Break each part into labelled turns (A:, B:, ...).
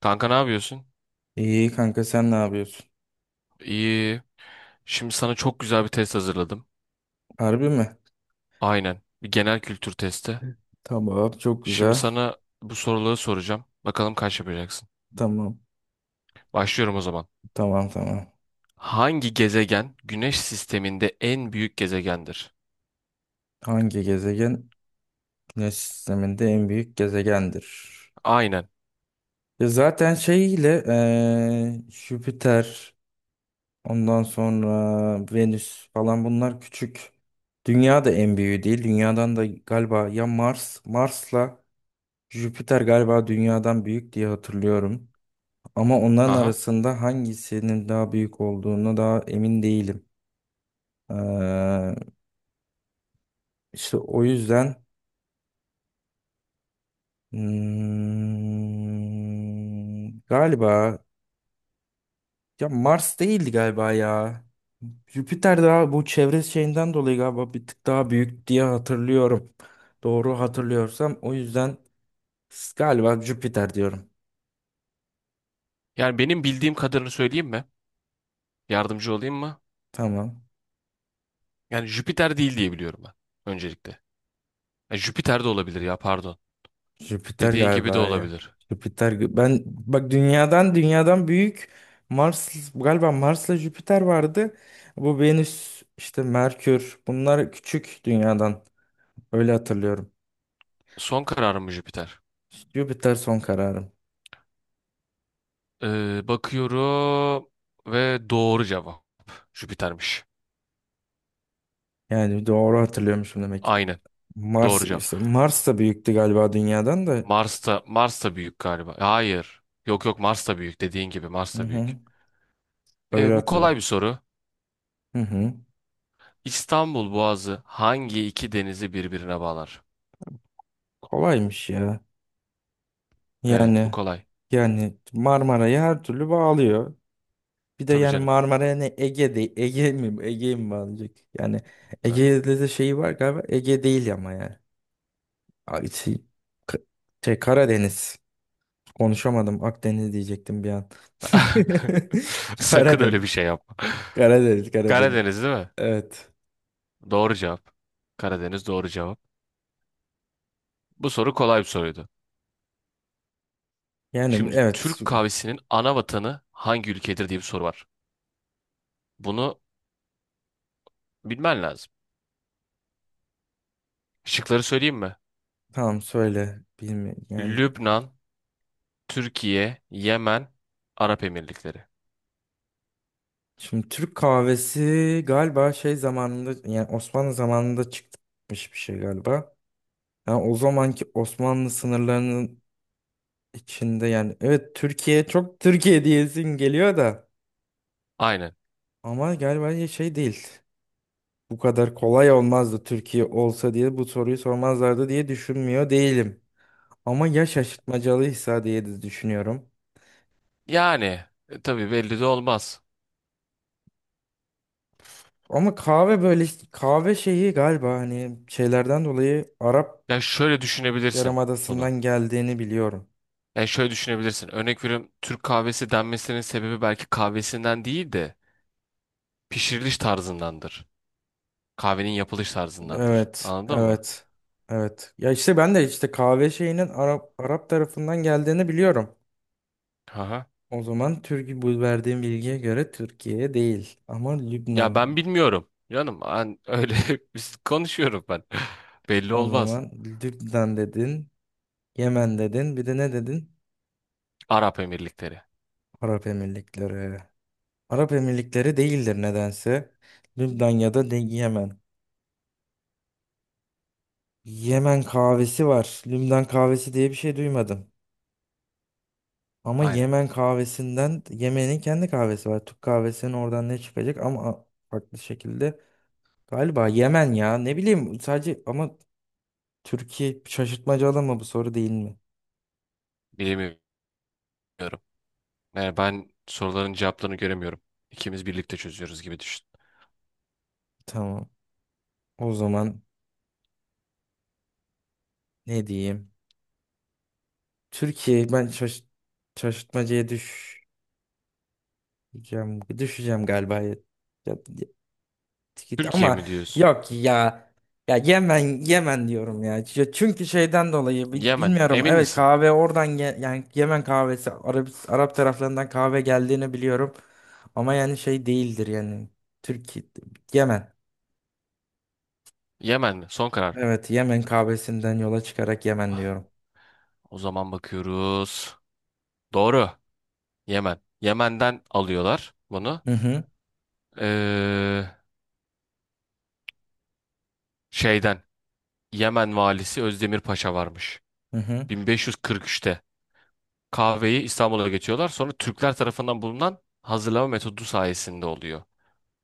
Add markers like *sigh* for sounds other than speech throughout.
A: Kanka ne yapıyorsun?
B: İyi kanka, sen ne yapıyorsun?
A: İyi. Şimdi sana çok güzel bir test hazırladım.
B: Harbi mi?
A: Aynen. Bir genel kültür testi.
B: Tamam, çok
A: Şimdi
B: güzel.
A: sana bu soruları soracağım. Bakalım kaç yapacaksın.
B: Tamam
A: Başlıyorum o zaman.
B: tamam tamam.
A: Hangi gezegen Güneş sisteminde en büyük gezegendir?
B: Hangi gezegen Güneş sisteminde en büyük gezegendir?
A: Aynen.
B: Ya zaten şey ile Jüpiter, ondan sonra Venüs falan, bunlar küçük. Dünya da en büyüğü değil. Dünyadan da galiba ya Mars'la Jüpiter galiba dünyadan büyük diye hatırlıyorum. Ama onların
A: Aha.
B: arasında hangisinin daha büyük olduğunu daha emin değilim. Ee, işte o yüzden galiba ya Mars değildi galiba ya. Jüpiter daha bu çevre şeyinden dolayı galiba bir tık daha büyük diye hatırlıyorum. Doğru hatırlıyorsam o yüzden galiba Jüpiter diyorum.
A: Yani benim bildiğim kadarını söyleyeyim mi? Yardımcı olayım mı?
B: Tamam.
A: Yani Jüpiter değil diye biliyorum ben. Öncelikle. Ya Jüpiter de olabilir ya pardon.
B: Jüpiter
A: Dediğin gibi de
B: galiba ya.
A: olabilir.
B: Jüpiter, ben bak dünyadan büyük, Mars galiba Mars'la Jüpiter vardı. Bu Venüs işte Merkür, bunlar küçük dünyadan. Öyle hatırlıyorum.
A: Son kararım mı Jüpiter?
B: Jüpiter son kararım.
A: Bakıyorum ve doğru cevap. Jüpiter'miş.
B: Yani doğru hatırlıyormuşum demek ki.
A: Aynen.
B: Mars
A: Doğru cevap.
B: işte Mars da büyüktü galiba dünyadan da.
A: Mars'ta Mars'ta büyük galiba. Hayır. Yok yok Mars'ta büyük. Dediğin gibi
B: Hı
A: Mars'ta büyük.
B: hı. Öyle
A: Bu kolay
B: hatırlıyorum.
A: bir soru.
B: Hı hı.
A: İstanbul Boğazı hangi iki denizi birbirine bağlar?
B: Kolaymış ya.
A: Evet, bu
B: Yani
A: kolay.
B: yani Marmara'yı her türlü bağlıyor. Bir de
A: Tabii
B: yani
A: canım.
B: Marmara'ya ne, Ege değil. Ege mi? Ege'yi mi bağlayacak? Yani
A: Ta-
B: Ege'de de şeyi var galiba. Ege değil ama yani. Ay, şey, K- şey, Karadeniz. Konuşamadım. Akdeniz diyecektim bir an.
A: *laughs*
B: *laughs*
A: Sakın
B: Karadeniz.
A: öyle bir şey yapma.
B: Karadeniz, Karadeniz.
A: Karadeniz değil mi?
B: Evet.
A: Doğru cevap. Karadeniz doğru cevap. Bu soru kolay bir soruydu.
B: Yani
A: Şimdi
B: evet.
A: Türk kahvesinin ana vatanı hangi ülkedir diye bir soru var. Bunu bilmen lazım.
B: Tu-
A: Şıkları söyleyeyim mi?
B: Tamam söyle. Bilmiyorum. Yani
A: Lübnan, Türkiye, Yemen, Arap Emirlikleri.
B: şimdi Türk kahvesi galiba şey zamanında, yani Osmanlı zamanında çıkmış bir şey galiba. Yani o zamanki Osmanlı sınırlarının içinde, yani evet Türkiye, çok Türkiye diyesin geliyor da
A: Aynen.
B: ama galiba ya şey değil. Bu kadar kolay olmazdı, Türkiye olsa diye bu soruyu sormazlardı diye düşünmüyor değilim. Ama ya şaşırtmacalıysa diye de düşünüyorum.
A: Yani tabii belli de olmaz.
B: Ama kahve böyle işte, kahve şeyi galiba hani şeylerden dolayı Arap
A: Ya şöyle düşünebilirsin bunu.
B: Yarımadası'ndan geldiğini biliyorum.
A: Yani şöyle düşünebilirsin. Örnek veriyorum, Türk kahvesi denmesinin sebebi belki kahvesinden değil de pişiriliş tarzındandır. Kahvenin yapılış tarzındandır.
B: Evet,
A: Anladın mı?
B: evet, evet. Ya işte ben de işte kahve şeyinin Arap tarafından geldiğini biliyorum.
A: Aha.
B: O zaman Türkiye, bu verdiğim bilgiye göre Türkiye değil. Ama
A: Ya
B: Lübnan.
A: ben bilmiyorum. Canım ben öyle *laughs* biz konuşuyorum ben. *laughs* Belli
B: O
A: olmaz.
B: zaman Lübnan dedin, Yemen dedin, bir de ne dedin?
A: Arap Emirlikleri.
B: Arap Emirlikleri. Arap Emirlikleri değildir nedense. Lübnan ya da Yemen. Yemen kahvesi var. Lümden kahvesi diye bir şey duymadım. Ama
A: Aynen.
B: Yemen kahvesinden, Yemen'in kendi kahvesi var. Türk kahvesinin oradan ne çıkacak ama farklı şekilde. Galiba Yemen ya, ne bileyim sadece ama Türkiye, şaşırtmacalı mı bu soru değil mi?
A: Bilmiyorum. Yani ben soruların cevaplarını göremiyorum. İkimiz birlikte çözüyoruz gibi düşün.
B: Tamam. O zaman ne diyeyim? Türkiye, ben şaşırtmacaya düşeceğim. Düşeceğim galiba. Ya, git
A: Türkiye
B: ama
A: mi diyorsun?
B: yok ya. Ya Yemen diyorum ya. Çünkü şeyden dolayı
A: Yemen.
B: bilmiyorum.
A: Emin
B: Evet
A: misin?
B: kahve oradan yani Yemen kahvesi, Arap taraflarından kahve geldiğini biliyorum. Ama yani şey değildir yani. Türkiye. Yemen.
A: Yemen mi? Son karar.
B: Evet Yemen kahvesinden yola çıkarak Yemen
A: Ah,
B: diyorum.
A: o zaman bakıyoruz. Doğru. Yemen. Yemen'den alıyorlar bunu.
B: Hı hı,
A: Ee, Şeyden. Yemen valisi Özdemir Paşa varmış.
B: hı hı,
A: 1543'te. Kahveyi İstanbul'a getiriyorlar. Sonra Türkler tarafından bulunan hazırlama metodu sayesinde oluyor.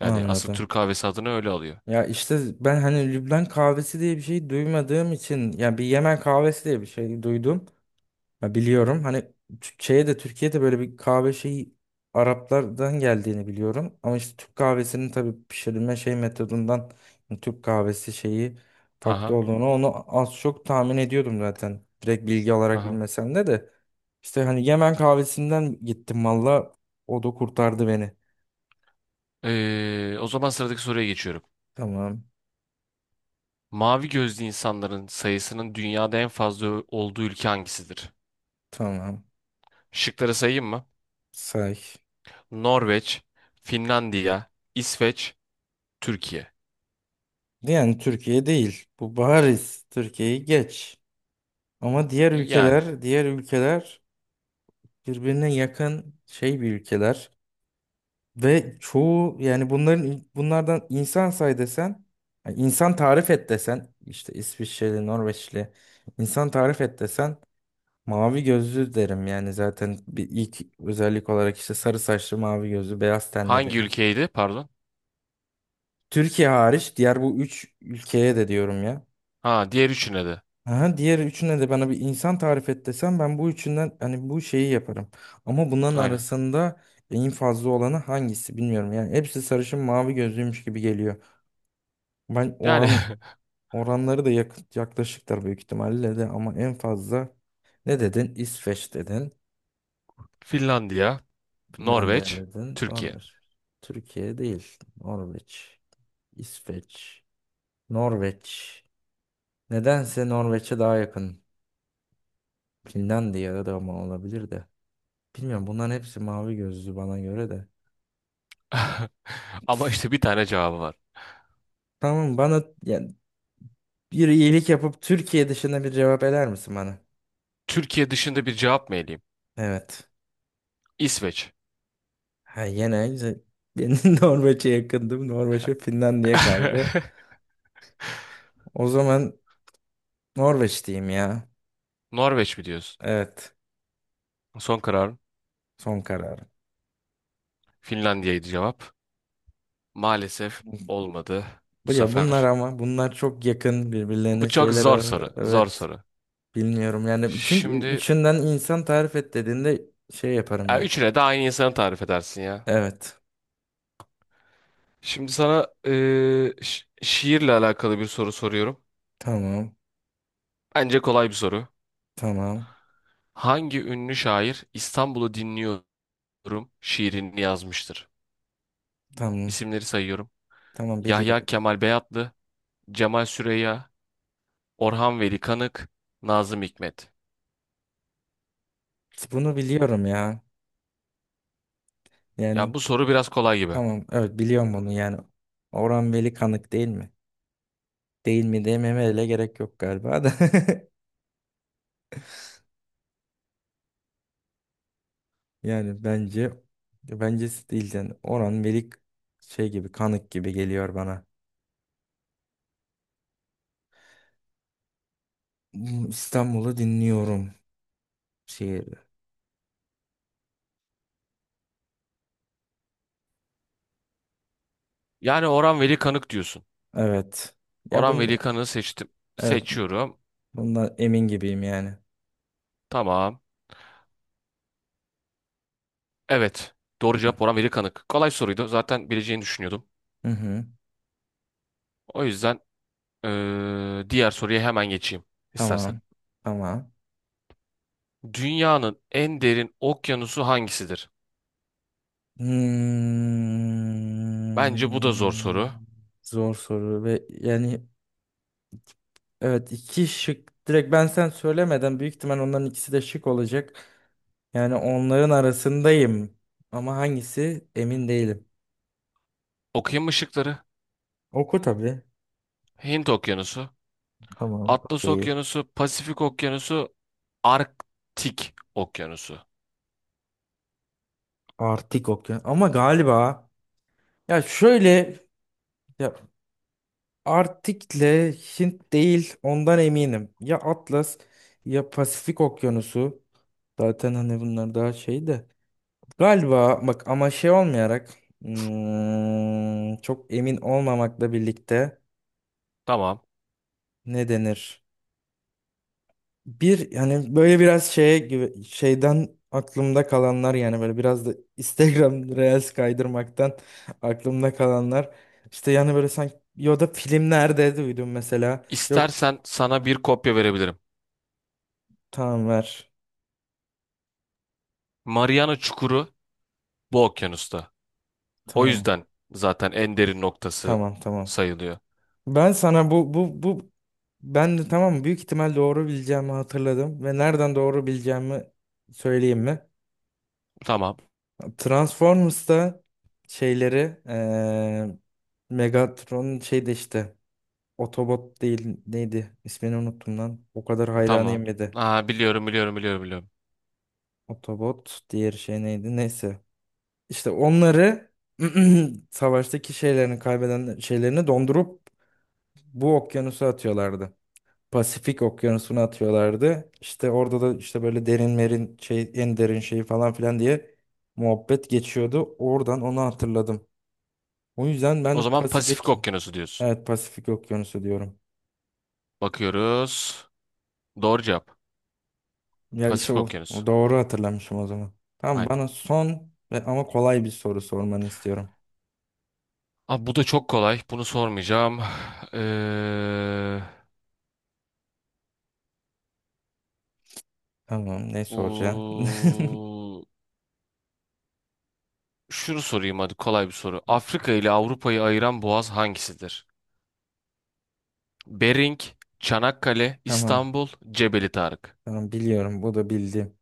A: Yani asıl
B: anladım.
A: Türk kahvesi adını öyle alıyor.
B: Ya işte ben hani Lübnan kahvesi diye bir şey duymadığım için, ya bir Yemen kahvesi diye bir şey duydum. Ya biliyorum hani Tü- de Türkiye'de böyle bir kahve şeyi Araplardan geldiğini biliyorum. Ama işte Türk kahvesinin tabii pişirilme şey metodundan, yani Türk kahvesi şeyi farklı
A: Aha,
B: olduğunu, onu az çok tahmin ediyordum zaten. Direkt bilgi olarak
A: aha.
B: bilmesem de. İşte hani Yemen kahvesinden gittim, valla o da kurtardı beni.
A: O zaman sıradaki soruya geçiyorum.
B: Tamam
A: Mavi gözlü insanların sayısının dünyada en fazla olduğu ülke hangisidir?
B: tamam
A: Şıkları sayayım mı?
B: say.
A: Norveç, Finlandiya, İsveç, Türkiye.
B: Yani Türkiye değil bu, bariz Türkiye'yi geç. Ama diğer
A: Yani
B: ülkeler diğer ülkeler birbirine yakın şey, bir ülkeler ve çoğu yani bunlardan insan say desen, yani insan tarif et desen işte İsviçreli, Norveçli insan tarif et desen mavi gözlü derim, yani zaten bir ilk özellik olarak işte sarı saçlı, mavi gözlü, beyaz tenli
A: hangi
B: derim.
A: ülkeydi? Pardon.
B: Türkiye hariç diğer bu üç ülkeye de diyorum ya.
A: Ha diğer üçüne de.
B: Aha, diğer üçüne de, bana bir insan tarif et desem ben bu üçünden hani bu şeyi yaparım. Ama bunların
A: Aynen.
B: arasında en fazla olanı hangisi bilmiyorum. Yani hepsi sarışın mavi gözlüymüş gibi geliyor. Ben
A: Yani
B: oran oranları da yaklaşıktır büyük ihtimalle de ama en fazla, ne dedin? İsveç dedin.
A: *laughs* Finlandiya,
B: Finlandiya
A: Norveç,
B: dedin.
A: Türkiye.
B: Norveç. Türkiye değil. Norveç. İsveç. Norveç. Nedense Norveç'e daha yakın. Finlandiya da ama olabilir de. Bilmiyorum, bunların hepsi mavi gözlü bana göre de.
A: *laughs* Ama işte bir tane cevabı var.
B: Tamam, bana yani bir iyilik yapıp Türkiye dışında bir cevap eder misin bana?
A: Türkiye dışında bir cevap mı eleyeyim?
B: Evet.
A: İsveç.
B: Ha yine güzel. Ben *laughs* Norveç'e yakındım. Norveç ve Finlandiya kaldı.
A: *laughs*
B: O zaman Norveç diyeyim ya.
A: Norveç mi diyorsun?
B: Evet.
A: Son kararım.
B: Son kararım.
A: Finlandiya'ydı cevap. Maalesef olmadı bu
B: Bu ya, bunlar
A: sefer.
B: ama bunlar çok yakın
A: Bu
B: birbirlerine
A: çok
B: şeyler.
A: zor soru. Zor
B: Evet.
A: soru.
B: Bilmiyorum yani. Çünkü
A: Şimdi
B: üçünden insan tarif et dediğinde şey yaparım
A: ya
B: yani.
A: üçüne de aynı insanı tarif edersin ya.
B: Evet.
A: Şimdi sana şiirle alakalı bir soru soruyorum.
B: Tamam.
A: Bence kolay bir soru.
B: Tamam.
A: Hangi ünlü şair İstanbul'u dinliyorum şiirini yazmıştır?
B: Tamam.
A: İsimleri sayıyorum.
B: Tamam,
A: Yahya
B: biliyorum.
A: Kemal Beyatlı, Cemal Süreya, Orhan Veli Kanık, Nazım Hikmet.
B: Bunu biliyorum ya. Yani
A: Ya bu soru biraz kolay gibi.
B: tamam, evet biliyorum bunu yani. Orhan Veli Kanık değil mi? Değil mi dememe bile gerek yok galiba da. *laughs* Yani bence, bencesi değil yani. Orhan Veli, şey gibi, Kanık gibi geliyor bana. İstanbul'u dinliyorum şiir.
A: Yani Orhan Veli Kanık diyorsun.
B: Evet. Ya
A: Orhan
B: bunu,
A: Veli Kanık'ı seçtim.
B: evet
A: Seçiyorum.
B: bundan emin gibiyim yani.
A: Tamam. Evet. Doğru cevap Orhan Veli Kanık. Kolay soruydu. Zaten bileceğini düşünüyordum.
B: Hı hı.
A: O yüzden diğer soruya hemen geçeyim istersen.
B: Tamam. Tamam.
A: Dünyanın en derin okyanusu hangisidir? Bence bu da zor soru.
B: Hmm, zor soru ve yani evet, iki şık. Direkt ben, sen söylemeden büyük ihtimal onların ikisi de şık olacak. Yani onların arasındayım. Ama hangisi emin değilim.
A: Okyanus ışıkları,
B: Oku tabii.
A: Hint Okyanusu,
B: Tamam,
A: Atlas
B: okey.
A: Okyanusu, Pasifik Okyanusu, Arktik Okyanusu.
B: Artık okey. Ama galiba ya şöyle, ya Arktik'le, Hint değil ondan eminim. Ya Atlas, ya Pasifik Okyanusu. Zaten hani bunlar daha şey de. Galiba bak ama şey olmayarak, çok emin olmamakla birlikte
A: Tamam.
B: ne denir? Bir, yani böyle biraz şeye gibi şeyden aklımda kalanlar, yani böyle biraz da *laughs* Instagram Reels kaydırmaktan aklımda kalanlar. İşte yani böyle sanki, ya da filmlerde duydum mesela. Yok,
A: İstersen sana bir kopya verebilirim.
B: tamam ver.
A: Mariana Çukuru bu okyanusta. O
B: Tamam.
A: yüzden zaten en derin noktası
B: Tamam.
A: sayılıyor.
B: Ben sana bu bu bu ben de tamam, büyük ihtimal doğru bileceğimi hatırladım ve nereden doğru bileceğimi söyleyeyim mi?
A: Tamam,
B: Transformers'ta şeyleri Megatron'un şeyde işte Autobot değil neydi? İsmini unuttum lan. O kadar hayranıyım
A: tamam.
B: bir de.
A: Aa, biliyorum, biliyorum, biliyorum, biliyorum.
B: Autobot diğer şey neydi? Neyse. İşte onları *clears throat* savaştaki şeylerini kaybeden şeylerini dondurup bu okyanusa atıyorlardı. Pasifik okyanusuna atıyorlardı. İşte orada da işte böyle derin merin şey, en derin şeyi falan filan diye muhabbet geçiyordu. Oradan onu hatırladım. O yüzden
A: O
B: ben
A: zaman Pasifik
B: Pasifik,
A: Okyanusu diyorsun.
B: evet Pasifik Okyanusu diyorum.
A: Bakıyoruz. Doğru cevap.
B: Ya işte
A: Pasifik
B: o, o
A: Okyanusu.
B: doğru hatırlamışım o zaman. Tamam,
A: Aynen.
B: bana son ve ama kolay bir soru sormanı istiyorum.
A: Abi bu da çok kolay. Bunu sormayacağım. *sighs* Ee,
B: Tamam, ne soracaksın? *laughs*
A: Oo, şunu sorayım hadi, kolay bir soru. Afrika ile Avrupa'yı ayıran boğaz hangisidir? Bering, Çanakkale,
B: Tamam
A: İstanbul, Cebeli Tarık.
B: tamam biliyorum, bu da bildim.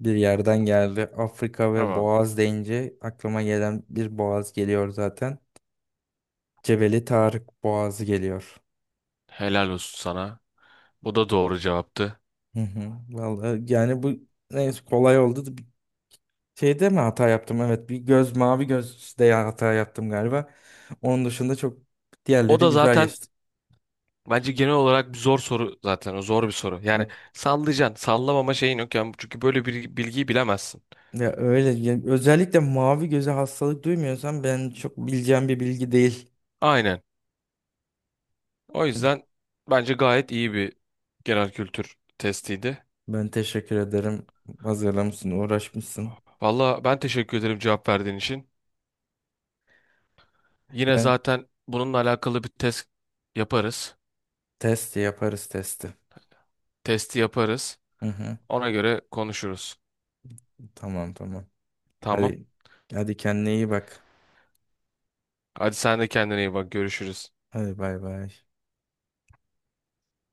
B: Bir yerden geldi. Afrika ve
A: Tamam.
B: Boğaz deyince aklıma gelen bir boğaz geliyor zaten. Cebeli Tarık Boğazı geliyor.
A: Helal olsun sana. Bu da doğru cevaptı.
B: Hı hı. Vallahi yani bu, neyse kolay oldu. Şeyde mi hata yaptım? Evet bir göz, mavi gözde ya hata yaptım galiba. Onun dışında çok,
A: O
B: diğerleri
A: da
B: güzel
A: zaten
B: geçti.
A: bence genel olarak bir zor soru zaten. O zor bir soru. Yani
B: Hı.
A: sallayacaksın. Sallamama şeyin yok. Yani çünkü böyle bir bilgiyi bilemezsin.
B: Ya öyle ya, özellikle mavi göze hastalık duymuyorsan ben çok bileceğim bir bilgi değil.
A: Aynen. O yüzden bence gayet iyi bir genel kültür testiydi.
B: Ben teşekkür ederim. Hazırlamışsın, uğraşmışsın.
A: Valla ben teşekkür ederim cevap verdiğin için. Yine
B: Yani
A: zaten bununla alakalı bir test yaparız.
B: testi yaparız, testi.
A: Testi yaparız.
B: Hı hı.
A: Ona göre konuşuruz.
B: Tamam.
A: Tamam.
B: Hadi hadi kendine iyi bak.
A: Hadi sen de kendine iyi bak. Görüşürüz.
B: Hadi bay bay.